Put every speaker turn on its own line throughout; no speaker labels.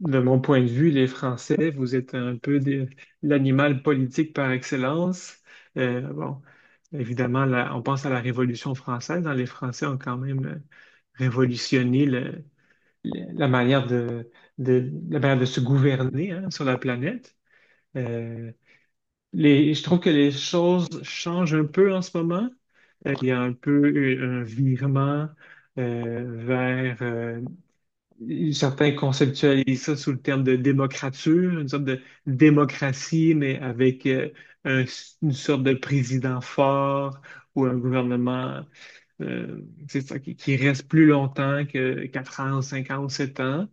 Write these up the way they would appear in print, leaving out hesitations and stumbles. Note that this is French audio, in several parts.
De mon point de vue, les Français, vous êtes un peu des- l'animal politique par excellence. Euh, bon, Évidemment, là, on pense à la Révolution française, hein. Les Français ont quand même révolutionné le- la manière de- la manière de se gouverner, hein, sur la planète. Euh, je trouve que les choses changent un peu en ce moment. Il y a un peu eu un virement vers certains conceptualisent ça sous le terme de démocrature, une sorte de démocratie, mais avec un- une sorte de président fort ou un gouvernement euh, c'est ça, qui reste plus longtemps que 4 ans, 5 ans ou 7 ans.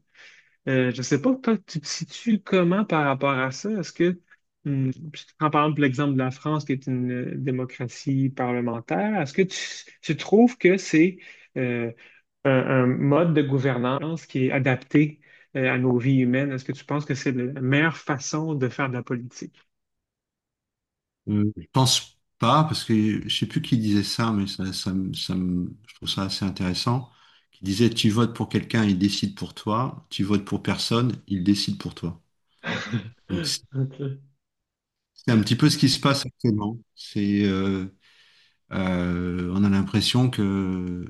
Je ne sais pas, toi, tu te situes comment par rapport à ça? Est-ce que, je te prends par exemple l'exemple de la France, qui est une démocratie parlementaire, est-ce que tu trouves que c'est euh, un, un mode de gouvernance qui est adapté à nos vies humaines? Est-ce que tu penses que c'est la meilleure façon de faire de la politique?
Je pense pas, parce que je sais plus qui disait ça, mais je trouve ça assez intéressant, qui disait: tu votes pour quelqu'un, il décide pour toi, tu votes pour personne, il décide pour toi. Donc c'est
Ok.
c'est un petit peu ce qui se passe actuellement. On a l'impression que,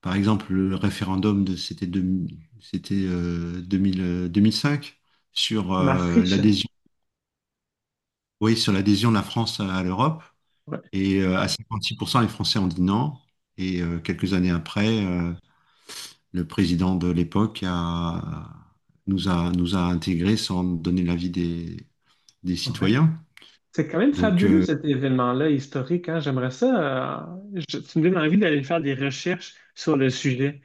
par exemple, le référendum c'était 2000, 2005 sur
Ma friche.
l'adhésion, oui, sur l'adhésion de la France à l'Europe.
Ouais.
Et à 56%, les Français ont dit non. Et quelques années après, le président de l'époque nous a intégrés sans donner l'avis des
Ouais.
citoyens.
C'est quand même
Donc,
fabuleux cet événement-là historique, hein. J'aimerais ça. Tu me donnes envie d'aller faire des recherches sur le sujet,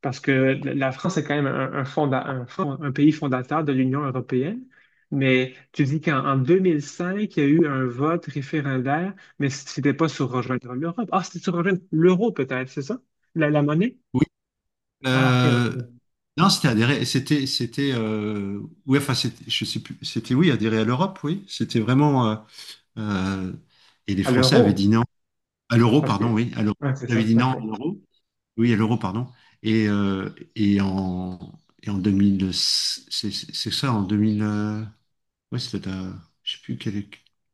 parce que la France est quand même un, fonda- un fond- un pays fondateur de l'Union européenne. Mais tu dis qu'en 2005, il y a eu un vote référendaire, mais c'était pas sur rejoindre l'Europe. Ah, c'était sur rejoindre l'euro peut-être, c'est ça? La monnaie?
oui.
Ah, ok,
euh,
ok.
non, c'était adhérer. C'était oui, enfin, je sais plus. C'était oui, adhérer à l'Europe, oui. C'était vraiment, euh, et les
À
Français avaient
l'euro,
dit non. À l'euro,
parce que.
pardon, oui. À l'euro.
Ah, c'est
Ils avaient
ça,
dit non
ok.
à l'euro. Oui, à l'euro, pardon. Et, euh, et, en, et en 2000, c'est ça, en 2000, ouais, c'était, je sais plus, quel-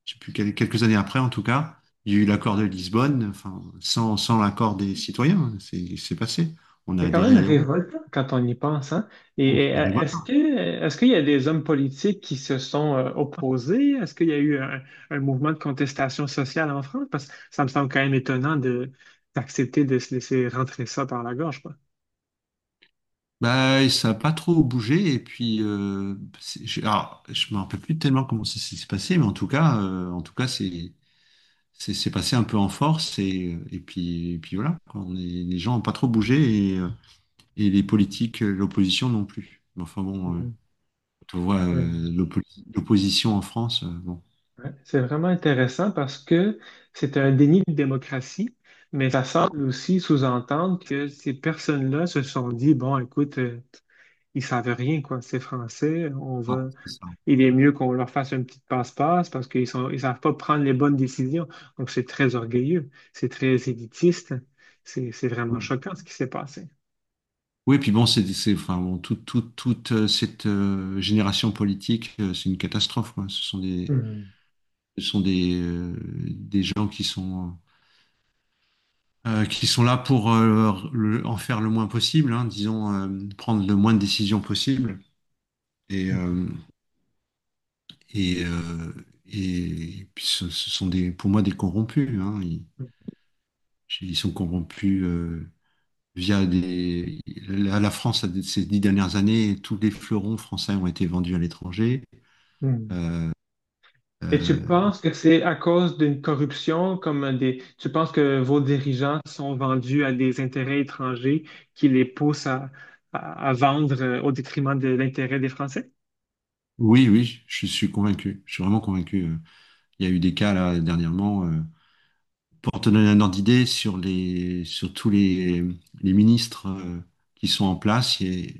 je sais plus quelques années après, en tout cas, il y a eu l'accord de Lisbonne, enfin, sans l'accord des citoyens, hein, c'est passé. On a
C'est quand
adhéré
même
à l'euro.
révoltant quand on y pense, hein?
Ah, c'est
Est-ce
révoltant.
que est-ce qu'il y a des hommes politiques qui se sont opposés? Est-ce qu'il y a eu un mouvement de contestation sociale en France? Parce que ça me semble quand même étonnant de d'accepter de se laisser rentrer ça par la gorge, quoi.
Bah, ça n'a pas trop bougé, et puis, je, alors, je me rappelle plus tellement comment ça s'est passé, mais en tout cas, c'est passé un peu en force et et puis voilà, quoi. Les gens n'ont pas trop bougé et les politiques, l'opposition non plus. Mais enfin bon,
Mm.
tu vois,
Euh,
l'opposition en France, bon.
ouais. C'est vraiment intéressant parce que c'est un déni de démocratie, mais ça semble aussi sous-entendre que ces personnes-là se sont dit, bon, écoute, ils savent rien, quoi, c'est français, on
Ah,
va
c'est ça.
il est mieux qu'on leur fasse une petite passe-passe parce qu'ils sont, ils savent pas prendre les bonnes décisions. Donc, c'est très orgueilleux, c'est très élitiste. C'est vraiment
Oui,
choquant ce qui s'est passé.
Oui, puis bon, enfin, bon, toute cette génération politique, c'est une catastrophe, quoi. Ce sont des,
Mhm.
ce sont des, euh, des gens qui sont là pour en faire le moins possible, hein, disons, prendre le moins de décisions possible. Et,
Mhm.
euh, Et, euh, et puis ce sont des, pour moi des corrompus, hein. Ils sont corrompus, via des. la France, ces 10 dernières années, tous les fleurons français ont été vendus à l'étranger.
Mhm.
Euh,
Et tu
euh,
penses que c'est à cause d'une corruption, comme des, tu penses que vos dirigeants sont vendus à des intérêts étrangers qui les poussent à vendre au détriment de l'intérêt des Français?
oui, oui, je suis convaincu. Je suis vraiment convaincu. Il y a eu des cas là dernièrement. Pour te donner un ordre d'idée sur tous les ministres, qui sont en place, il y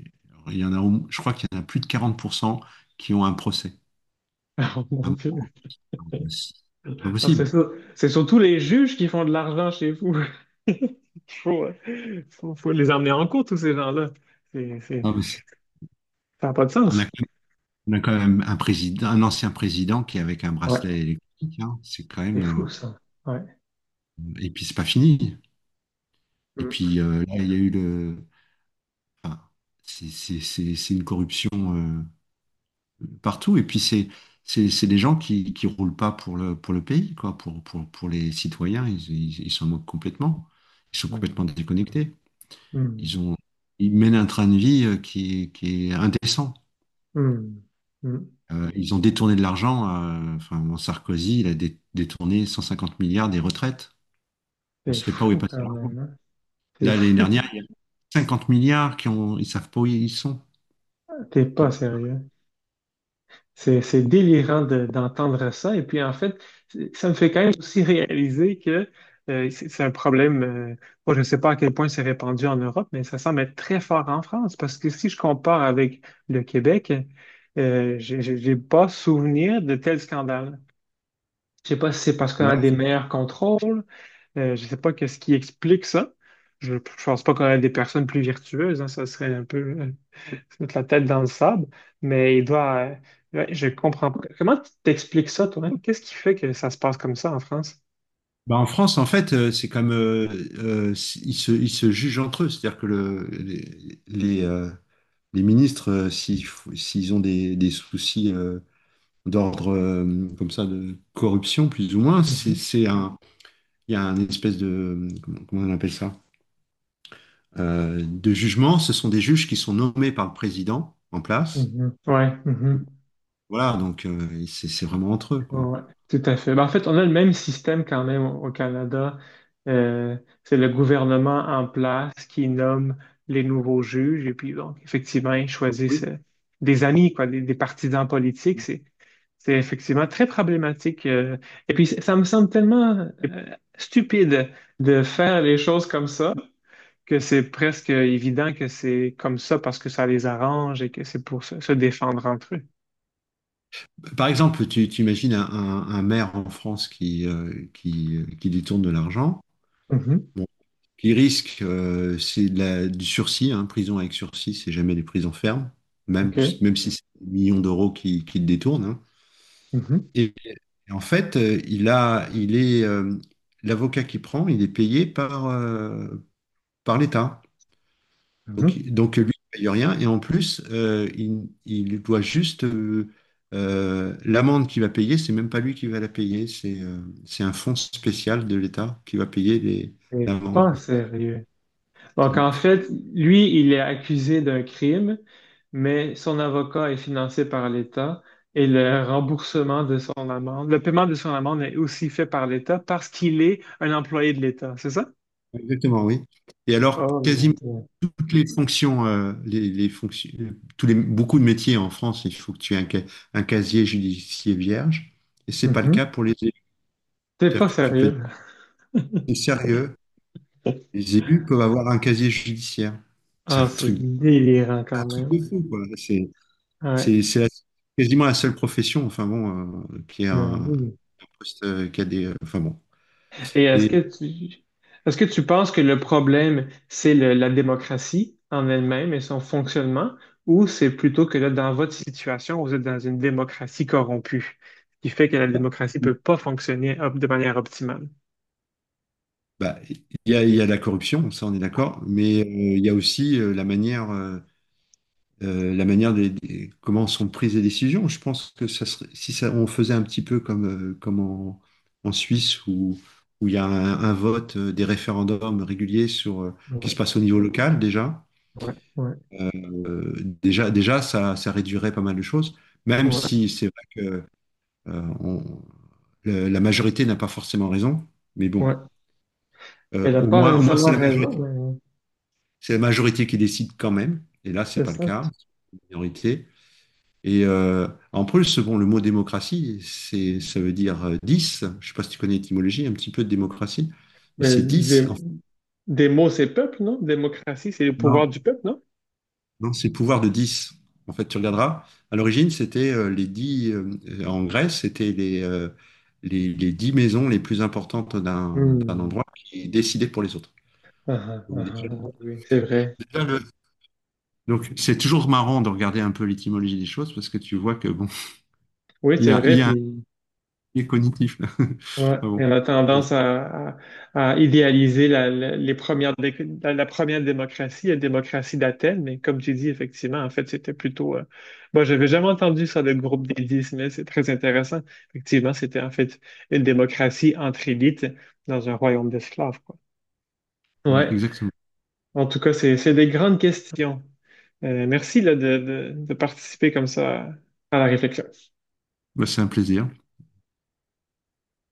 a- il y en a, au- je crois qu'il y en a plus de 40% qui ont un procès.
Mon Dieu.
C'est pas
Non, C'est
possible.
sur- c'est surtout les juges qui font de l'argent chez vous. Il faut, faut les emmener en cours, tous ces gens-là. C'est-
Non, mais
ça n'a pas de
on a,
sens.
quand même on a quand même un président, un ancien président qui est avec un
Ouais,
bracelet électrique, hein. C'est quand
c'est
même.
fou, ça. Ouais.
Et puis c'est pas fini. Et puis là, il y a eu le. Enfin, c'est une corruption euh, partout. Et puis c'est des gens qui roulent pas pour le pays, quoi, pour les citoyens. Ils s'en moquent complètement. Ils sont
Mm.
complètement déconnectés.
Mm.
Ils ont Ils mènent un train de vie, qui est indécent.
Mm. Mm. Mm.
Ils ont détourné de l'argent. Enfin, mon Sarkozy, il a détourné 150 milliards des retraites. On ne
C'est
sait pas où est
fou
passé
quand
l'argent.
même, hein. C'est
Là, l'année
fou.
dernière, il y a 50 milliards ils savent pas où ils sont.
T'es pas sérieux. C'est délirant de- d'entendre ça. Et puis, en fait, ça me fait quand même aussi réaliser que c'est un problème. Moi, je ne sais pas à quel point c'est répandu en Europe, mais ça semble être très fort en France. Parce que si je compare avec le Québec, j'ai pas souvenir de tel scandale. Je sais pas si c'est parce qu'on a
Ouais.
des meilleurs contrôles. Je ne sais pas qu'est-ce qui explique ça. Je ne pense pas qu'on a des personnes plus vertueuses, hein, ça serait un peu. Se mettre la tête dans le sable, mais il doit. Ouais, je comprends pas. Comment tu t'expliques ça, toi, hein? Qu'est-ce qui fait que ça se passe comme ça en France?
Bah, en France, en fait, c'est comme, euh, ils se jugent entre eux. C'est-à-dire que les ministres, s'ils ont des soucis, d'ordre, comme ça, de corruption, plus ou moins,
Mhm,
il y a un espèce de, comment on appelle ça? De jugement. Ce sont des juges qui sont nommés par le président en place.
mhm. Ouais, mhm.
Voilà, donc c'est vraiment entre eux,
Ouais,
quoi.
ouais, tout à fait. Ben, en fait, on a le même système quand même au Canada. Euh, c'est le gouvernement en place qui nomme les nouveaux juges et puis donc effectivement ils choisissent
Oui.
des amis, quoi, des partisans politiques. C'est effectivement très problématique. Et puis ça me semble tellement euh, stupide de faire les choses comme ça que c'est presque évident que c'est comme ça parce que ça les arrange et que c'est pour se, se défendre entre eux.
Par exemple, tu imagines un maire en France qui détourne de l'argent,
Mhm.
bon, qui risque, c'est de du sursis, hein, prison avec sursis, c'est jamais des prisons fermes, même,
OK.
même si c'est des millions d'euros qui le détournent, hein.
Mhm.
Et, et en fait, il a, il est, l'avocat qui prend, il est payé par l'État. Donc,
Mhm.
donc lui, il ne paye rien. Et en plus, il doit juste, l'amende qu'il va payer, c'est même pas lui qui va la payer, c'est un fonds spécial de l'État qui va payer
C'est
l'amende.
pas sérieux. Donc, en fait, lui, il est accusé d'un crime, mais son avocat est financé par l'État et le remboursement de son amende, le paiement de son amende est aussi fait par l'État parce qu'il est un employé de l'État, c'est ça?
Exactement, oui. Et alors,
Oh mon
quasiment
Dieu.
toutes les fonctions, beaucoup de métiers en France, il faut que tu aies un casier judiciaire vierge. Et c'est pas le cas
Mhm.
pour les élus.
C'est pas
C'est-à-dire que tu peux dire,
sérieux.
c'est sérieux, les élus peuvent avoir un casier judiciaire. C'est un
Ah, c'est
truc,
délirant quand
un truc de
même.
fou, quoi.
Ouais.
C'est- c'est la- Quasiment la seule profession, enfin bon, qui a
Mais
un
oui.
poste, qui a des, enfin bon.
Et
Et
est-ce que tu penses que le problème, c'est le- la démocratie en elle-même et son fonctionnement, ou c'est plutôt que là, dans votre situation, vous êtes dans une démocratie corrompue, ce qui fait que la
bah,
démocratie peut pas fonctionner op- de manière optimale?
bah, il il y a la corruption, ça on est d'accord, mais il y a aussi, la manière, comment sont prises les décisions. Je pense que ça serait, si ça, on faisait un petit peu comme, euh, comme en, en Suisse où il y a un vote, des référendums réguliers sur qui se
Ouais,
passe au niveau local déjà.
ouais, ouais,
euh, Déjà, ça réduirait pas mal de choses, même
ouais,
si c'est vrai que euh, on- la majorité n'a pas forcément raison, mais bon,
ouais. Elle n'a pas
au moins
nécessairement
c'est la
raison,
majorité.
mais
C'est la majorité qui décide quand même, et là, c'est
c'est
pas le
ça.
cas, c'est une minorité. Et en plus, bon, le mot démocratie, ça veut dire 10. Je sais pas si tu connais l'étymologie, un petit peu de démocratie, mais
Mais
c'est 10 en
des mots, c'est peuple, non? Démocratie, c'est le pouvoir
fait.
du peuple, non?
Non, c'est pouvoir de 10. En fait, tu regarderas. À l'origine, c'était, les 10, en Grèce, c'était les 10 maisons les plus importantes d'un
Hmm.
endroit qui décidaient pour les autres.
Ah, ah,
Donc,
ah, ah,
déjà-
oui, c'est vrai.
déjà le- donc, c'est toujours marrant de regarder un peu l'étymologie des choses parce que tu vois que bon,
Oui, c'est
il
vrai,
y a un
puis
biais cognitif là.
ouais,
Ah
et on
bon.
a tendance à idéaliser la, la- les premières dé- la première démocratie, la démocratie d'Athènes, mais comme tu dis, effectivement, en fait, c'était plutôt... moi, j'avais jamais entendu ça, le groupe des dix, mais c'est très intéressant. Effectivement, c'était en fait une démocratie entre élites dans un royaume d'esclaves, quoi.
Voilà,
Ouais,
exactement.
en tout cas, c'est des grandes questions. Merci là, de participer comme ça à la réflexion.
Bah, c'est un plaisir.